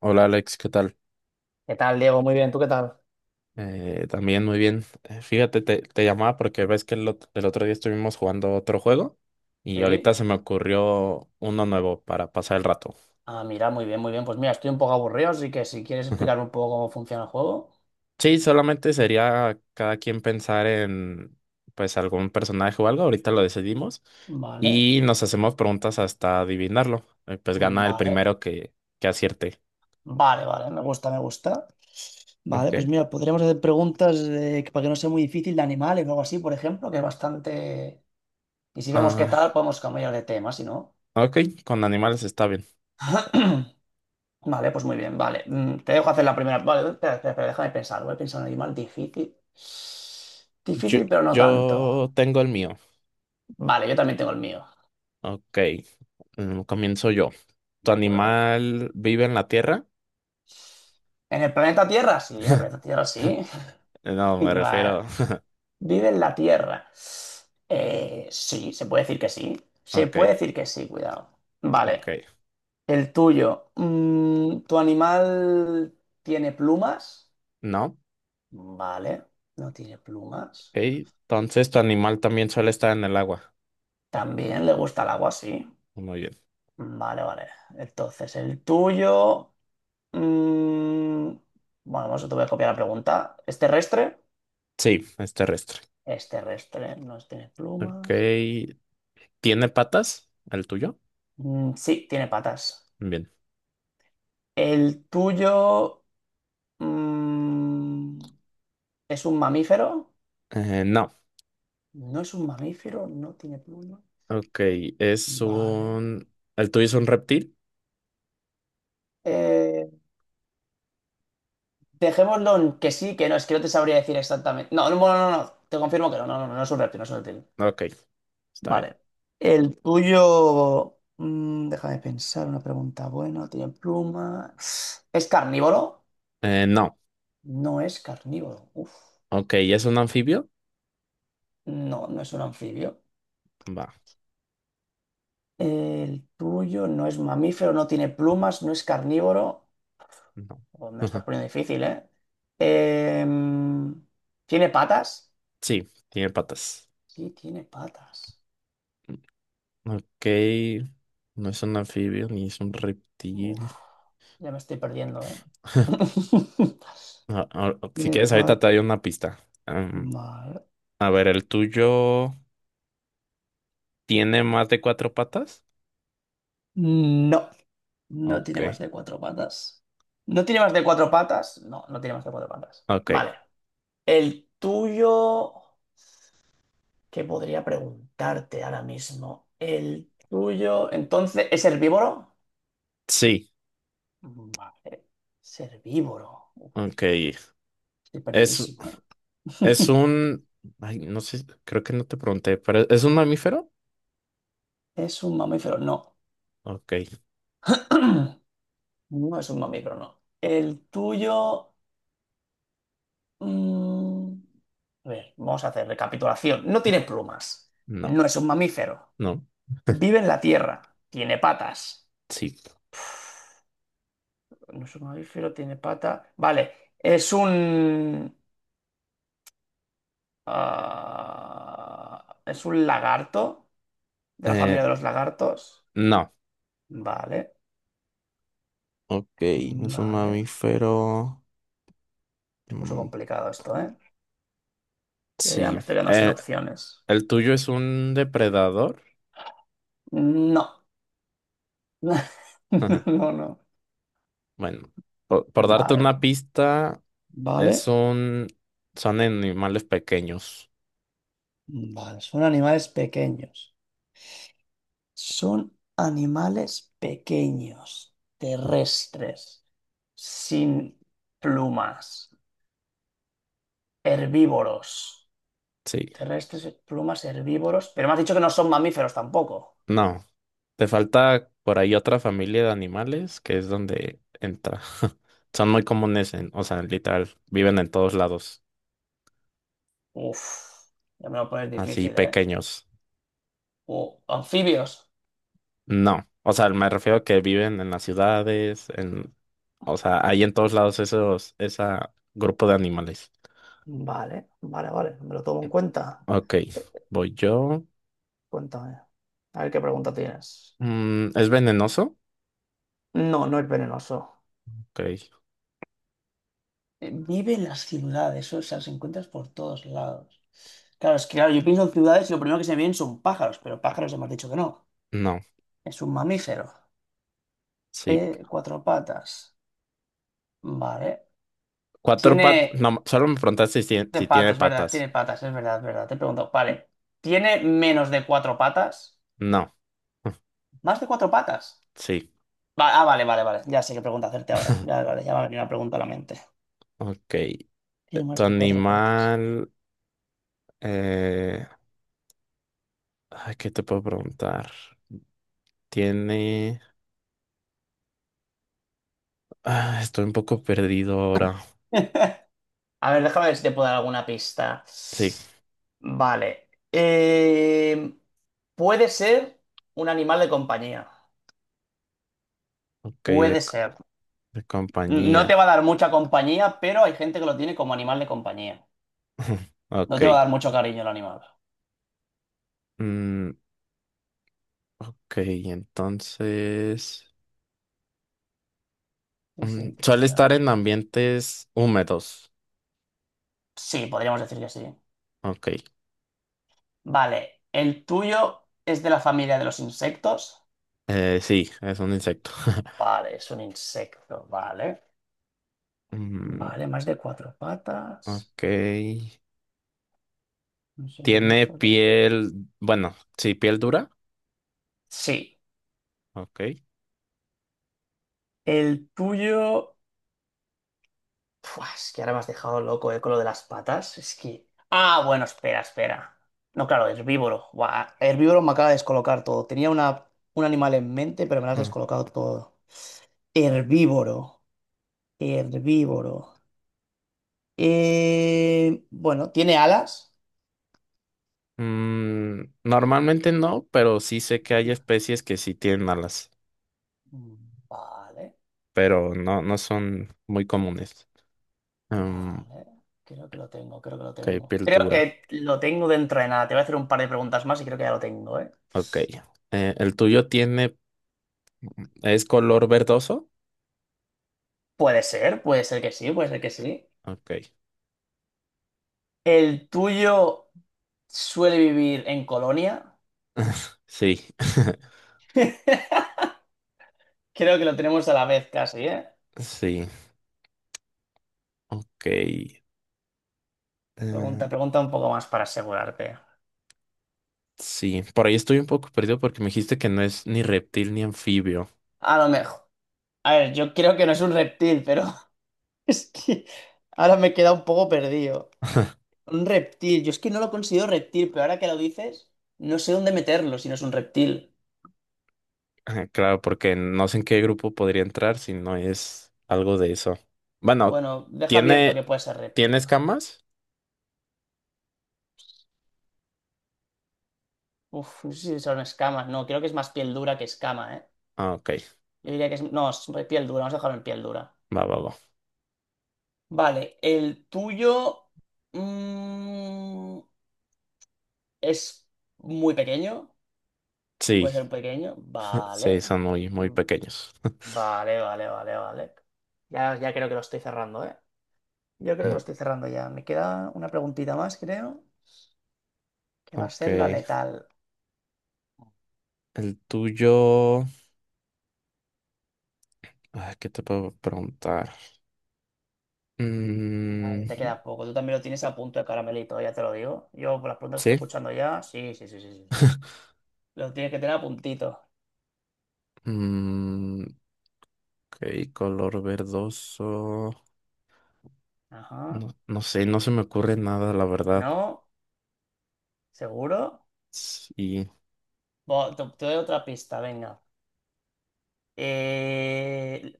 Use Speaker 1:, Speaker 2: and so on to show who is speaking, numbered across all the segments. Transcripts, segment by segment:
Speaker 1: Hola Alex, ¿qué tal?
Speaker 2: ¿Qué tal, Diego? Muy bien, ¿tú qué tal?
Speaker 1: También muy bien. Fíjate, te llamaba porque ves que el otro día estuvimos jugando otro juego y ahorita
Speaker 2: Sí.
Speaker 1: se me ocurrió uno nuevo para pasar el rato.
Speaker 2: Ah, mira, muy bien, muy bien. Pues mira, estoy un poco aburrido, así que si quieres explicarme un poco cómo funciona el juego.
Speaker 1: Sí, solamente sería cada quien pensar en pues algún personaje o algo, ahorita lo decidimos
Speaker 2: Vale,
Speaker 1: y nos hacemos preguntas hasta adivinarlo. Pues gana el
Speaker 2: vale,
Speaker 1: primero que acierte.
Speaker 2: vale, vale, me gusta, me gusta. Vale, pues
Speaker 1: Ok.
Speaker 2: mira, podríamos hacer preguntas para que no sea muy difícil, de animales o algo así, por ejemplo, que es bastante. Y si vemos qué tal,
Speaker 1: Ah,
Speaker 2: podemos cambiar de tema, si no.
Speaker 1: ok, con animales está bien.
Speaker 2: Vale, pues muy bien, vale. Te dejo hacer la primera. Vale, espera, espera, espera, déjame pensar. Voy a pensar en un animal difícil.
Speaker 1: Yo,
Speaker 2: Difícil, pero no tanto.
Speaker 1: yo tengo el mío.
Speaker 2: Vale, yo también tengo el mío.
Speaker 1: Ok, comienzo yo. ¿Tu
Speaker 2: De acuerdo.
Speaker 1: animal vive en la tierra?
Speaker 2: ¿En el planeta Tierra? Sí, en el planeta Tierra sí.
Speaker 1: No, me
Speaker 2: Vale.
Speaker 1: refiero.
Speaker 2: ¿Vive en la Tierra? Sí, se puede decir que sí. Se
Speaker 1: Ok,
Speaker 2: puede decir que sí, cuidado. Vale.
Speaker 1: ok.
Speaker 2: El tuyo. ¿Tu animal tiene plumas?
Speaker 1: No, ok.
Speaker 2: Vale. No tiene plumas.
Speaker 1: Entonces, ¿tu animal también suele estar en el agua?
Speaker 2: También le gusta el agua, sí.
Speaker 1: Muy bien.
Speaker 2: Vale, vale. Entonces, el tuyo. mm, bueno, vamos, te voy a copiar la pregunta. ¿Es terrestre?
Speaker 1: Sí, es terrestre.
Speaker 2: Es terrestre, no tiene
Speaker 1: Ok.
Speaker 2: plumas.
Speaker 1: ¿Tiene patas? ¿El tuyo?
Speaker 2: Mm, sí, tiene patas.
Speaker 1: Bien.
Speaker 2: ¿El tuyo mm, es un mamífero?
Speaker 1: No.
Speaker 2: No es un mamífero, no tiene pluma.
Speaker 1: Ok, es
Speaker 2: Vale.
Speaker 1: un... ¿El tuyo es un reptil?
Speaker 2: Eh, dejémoslo en que sí, que no, es que no te sabría decir exactamente. No, no, no, no, no, te confirmo que no, no, no, no es un reptil, no es un reptil.
Speaker 1: Ok, está bien.
Speaker 2: Vale. El tuyo, déjame pensar, una pregunta buena, tiene pluma. ¿Es carnívoro?
Speaker 1: No.
Speaker 2: No es carnívoro. Uf,
Speaker 1: Ok, ¿es un anfibio?
Speaker 2: no, no es un anfibio.
Speaker 1: Va,
Speaker 2: El tuyo no es mamífero, no tiene plumas, no es carnívoro.
Speaker 1: no.
Speaker 2: Oh, me lo estás poniendo difícil, ¿eh? Em, ¿tiene patas?
Speaker 1: Sí, tiene patas.
Speaker 2: Sí, tiene patas.
Speaker 1: Ok, no es un anfibio ni es un
Speaker 2: Uf,
Speaker 1: reptil.
Speaker 2: ya me estoy perdiendo, ¿eh?
Speaker 1: Ah, ah, si
Speaker 2: ¿Tiene
Speaker 1: quieres, ahorita te
Speaker 2: patas?
Speaker 1: doy una pista. Am,
Speaker 2: No,
Speaker 1: a ver, ¿el tuyo tiene más de cuatro patas?
Speaker 2: no
Speaker 1: Ok,
Speaker 2: tiene más de cuatro patas. ¿No tiene más de cuatro patas? No, no tiene más de cuatro patas.
Speaker 1: ok,
Speaker 2: Vale. El tuyo. ¿Qué podría preguntarte ahora mismo? El tuyo, entonces, ¿es herbívoro?
Speaker 1: sí,
Speaker 2: Vale, es herbívoro. Uf,
Speaker 1: ok.
Speaker 2: estoy
Speaker 1: Es,
Speaker 2: perdidísimo, ¿eh?
Speaker 1: es un... Ay, no sé, creo que no te pregunté, pero ¿es un mamífero?
Speaker 2: ¿Es un mamífero? No.
Speaker 1: Ok,
Speaker 2: No es un mamífero, no. El tuyo. mm, A ver, vamos a hacer recapitulación. No tiene plumas.
Speaker 1: no,
Speaker 2: No es un mamífero.
Speaker 1: no,
Speaker 2: Vive en la tierra. Tiene patas.
Speaker 1: sí.
Speaker 2: No es un mamífero, tiene pata. Vale, es un... Ah, ¿es un lagarto? ¿De la
Speaker 1: Eh,
Speaker 2: familia de los lagartos?
Speaker 1: no,
Speaker 2: Vale,
Speaker 1: ok, no es un
Speaker 2: vale.
Speaker 1: mamífero.
Speaker 2: Se puso
Speaker 1: Mm,
Speaker 2: complicado esto, ¿eh? Ya, ya
Speaker 1: sí.
Speaker 2: me estoy quedando sin
Speaker 1: Eh,
Speaker 2: opciones.
Speaker 1: ¿El tuyo es un depredador?
Speaker 2: No. No, no,
Speaker 1: Bueno, por
Speaker 2: no.
Speaker 1: darte una
Speaker 2: Vale,
Speaker 1: pista,
Speaker 2: vale.
Speaker 1: es un, son animales pequeños.
Speaker 2: Vale, son animales pequeños. Son animales pequeños, terrestres, sin plumas, herbívoros.
Speaker 1: Sí,
Speaker 2: Terrestres, plumas, herbívoros. Pero me has dicho que no son mamíferos tampoco.
Speaker 1: no, te falta por ahí otra familia de animales que es donde entra. Son muy comunes en, o sea, literal, viven en todos lados,
Speaker 2: Uf, ya me lo pones
Speaker 1: así
Speaker 2: difícil, ¿eh?
Speaker 1: pequeños.
Speaker 2: Anfibios.
Speaker 1: No, o sea, me refiero a que viven en las ciudades, en, o sea, hay en todos lados esa grupo de animales.
Speaker 2: Vale, vale, vale, me lo tomo en cuenta.
Speaker 1: Ok,
Speaker 2: Eh,
Speaker 1: voy yo.
Speaker 2: Cuéntame, a ver qué pregunta tienes.
Speaker 1: ¿Es venenoso?
Speaker 2: No, no es venenoso.
Speaker 1: Ok,
Speaker 2: Vive en las ciudades, o sea, los encuentras por todos lados. Claro, es que claro, yo pienso en ciudades y lo primero que se me vienen son pájaros, pero pájaros hemos dicho que no.
Speaker 1: no,
Speaker 2: Es un mamífero.
Speaker 1: sí.
Speaker 2: Cuatro patas. Vale.
Speaker 1: Cuatro patas.
Speaker 2: Tiene
Speaker 1: No, solo me preguntaste
Speaker 2: de
Speaker 1: si
Speaker 2: patas,
Speaker 1: tiene
Speaker 2: es verdad,
Speaker 1: patas.
Speaker 2: tiene patas, es verdad, es verdad. Te pregunto, vale. ¿Tiene menos de cuatro patas?
Speaker 1: No.
Speaker 2: ¿Más de cuatro patas?
Speaker 1: Sí.
Speaker 2: Ah, vale, vale, vale. Ya sé qué pregunta hacerte ahora. Ya, vale, ya me ha venido una pregunta a la mente.
Speaker 1: Ok.
Speaker 2: Tiene
Speaker 1: Tu
Speaker 2: más de cuatro patas.
Speaker 1: animal. eh, Ay, ¿qué te puedo preguntar? Tiene. Ah, estoy un poco perdido ahora.
Speaker 2: A ver, déjame ver si te puedo dar alguna pista.
Speaker 1: Sí.
Speaker 2: Vale. Puede ser un animal de compañía.
Speaker 1: Ok,
Speaker 2: Puede ser.
Speaker 1: de
Speaker 2: No
Speaker 1: compañía.
Speaker 2: te va a dar mucha compañía, pero hay gente que lo tiene como animal de compañía. No
Speaker 1: Ok.
Speaker 2: te va a dar mucho cariño el animal.
Speaker 1: Mm, ok, entonces.
Speaker 2: Sí, sí.
Speaker 1: Suele estar en ambientes húmedos.
Speaker 2: Sí, podríamos decir que sí.
Speaker 1: Ok.
Speaker 2: Vale. ¿El tuyo es de la familia de los insectos?
Speaker 1: Sí, es un insecto.
Speaker 2: Vale, es un insecto, vale.
Speaker 1: Mm,
Speaker 2: Vale, más de cuatro patas.
Speaker 1: ok.
Speaker 2: Un
Speaker 1: Tiene
Speaker 2: somnífero.
Speaker 1: piel, bueno, sí, piel dura.
Speaker 2: Sí,
Speaker 1: Ok.
Speaker 2: el tuyo. Pua, es que ahora me has dejado loco, con lo de las patas. Es que. Ah, bueno, espera, espera. No, claro, herbívoro. Buah, herbívoro me acaba de descolocar todo. Tenía un animal en mente, pero me lo has
Speaker 1: Ah.
Speaker 2: descolocado todo. Herbívoro. Herbívoro. Bueno, ¿tiene alas?
Speaker 1: Mm, normalmente no, pero sí sé que hay especies que sí tienen alas,
Speaker 2: Mm, vale.
Speaker 1: pero no, no son muy comunes. Mm,
Speaker 2: Vale, creo que lo tengo, creo que lo
Speaker 1: ok,
Speaker 2: tengo.
Speaker 1: piel
Speaker 2: Creo
Speaker 1: dura.
Speaker 2: que lo tengo dentro de nada. Te voy a hacer un par de preguntas más y creo que ya lo tengo, ¿eh?
Speaker 1: Ok. ¿El tuyo es color verdoso?
Speaker 2: Puede ser que sí, puede ser que sí.
Speaker 1: Ok.
Speaker 2: ¿El tuyo suele vivir en Colonia?
Speaker 1: Sí,
Speaker 2: Creo que lo tenemos a la vez casi, ¿eh?
Speaker 1: sí. Ok.
Speaker 2: Pregunta, pregunta un poco más para asegurarte.
Speaker 1: Sí, por ahí estoy un poco perdido porque me dijiste que no es ni reptil ni anfibio.
Speaker 2: A lo mejor. A ver, yo creo que no es un reptil, pero es que ahora me he quedado un poco perdido. Un reptil. Yo es que no lo considero reptil, pero ahora que lo dices, no sé dónde meterlo si no es un reptil.
Speaker 1: Ajá, claro, porque no sé en qué grupo podría entrar si no es algo de eso. Bueno,
Speaker 2: Bueno, deja abierto
Speaker 1: ¿tiene,
Speaker 2: que puede ser
Speaker 1: ¿tiene
Speaker 2: reptil.
Speaker 1: escamas?
Speaker 2: Uf, no sé si son escamas. No, creo que es más piel dura que escama, ¿eh?
Speaker 1: Ah, ok,
Speaker 2: Yo diría que es. No, es piel dura. Vamos a dejarlo en piel dura.
Speaker 1: va, va, va.
Speaker 2: Vale, el tuyo, mm, es muy pequeño.
Speaker 1: Sí,
Speaker 2: Puede ser pequeño. Vale.
Speaker 1: sí, son muy, muy
Speaker 2: Mm,
Speaker 1: pequeños.
Speaker 2: vale, vale, vale, vale. Ya, ya creo que lo estoy cerrando, ¿eh? Yo creo que lo
Speaker 1: No,
Speaker 2: estoy cerrando ya. Me queda una preguntita más, creo, que va a
Speaker 1: ok,
Speaker 2: ser la letal.
Speaker 1: el tuyo. ¿Qué te puedo preguntar?
Speaker 2: Ya,
Speaker 1: Mm,
Speaker 2: te queda poco. Tú también lo tienes a punto de caramelito, ya te lo digo. Yo por las preguntas que estoy
Speaker 1: sí.
Speaker 2: escuchando ya. Sí, sí, sí, sí, sí, sí. Lo tienes que tener a puntito.
Speaker 1: Mm, ok, color verdoso.
Speaker 2: Ajá.
Speaker 1: No, no sé, no se me ocurre nada, la verdad.
Speaker 2: ¿No? ¿Seguro?
Speaker 1: Sí,
Speaker 2: Te doy otra pista, venga. Eh,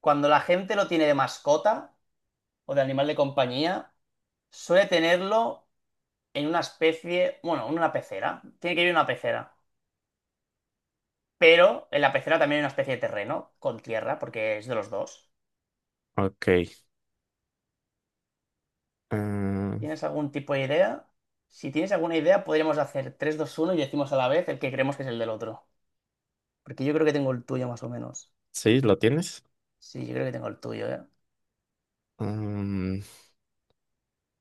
Speaker 2: cuando la gente lo tiene de mascota o de animal de compañía, suele tenerlo en una especie, bueno, en una pecera. Tiene que ir en una pecera. Pero en la pecera también hay una especie de terreno con tierra, porque es de los dos.
Speaker 1: ok. ah,
Speaker 2: ¿Tienes algún tipo de idea? Si tienes alguna idea, podríamos hacer tres, dos, uno y decimos a la vez el que creemos que es el del otro. Porque yo creo que tengo el tuyo más o menos.
Speaker 1: sí, ¿lo tienes?
Speaker 2: Sí, yo creo que tengo el tuyo, ¿eh? O
Speaker 1: Mm,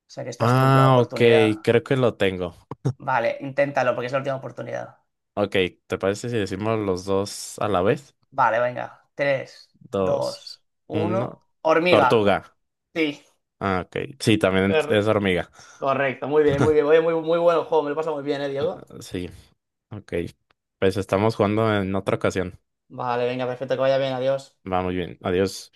Speaker 2: sea que esta es tu última
Speaker 1: ah, ok,
Speaker 2: oportunidad.
Speaker 1: creo que lo tengo.
Speaker 2: Vale, inténtalo porque es la última oportunidad.
Speaker 1: Ok, ¿te parece si decimos los dos a la vez?
Speaker 2: Vale, venga. Tres,
Speaker 1: Dos,
Speaker 2: dos, uno.
Speaker 1: uno.
Speaker 2: Hormiga.
Speaker 1: Tortuga.
Speaker 2: Sí.
Speaker 1: Ah, ok. Sí, también
Speaker 2: Cor-
Speaker 1: es hormiga.
Speaker 2: Correcto, muy bien, muy bien. Oye, muy, muy bueno el juego, me lo pasa muy bien, ¿eh, Diego?
Speaker 1: Sí, ok. Pues estamos jugando en otra ocasión.
Speaker 2: Vale, venga, perfecto, que vaya bien, adiós.
Speaker 1: Va muy bien. Adiós.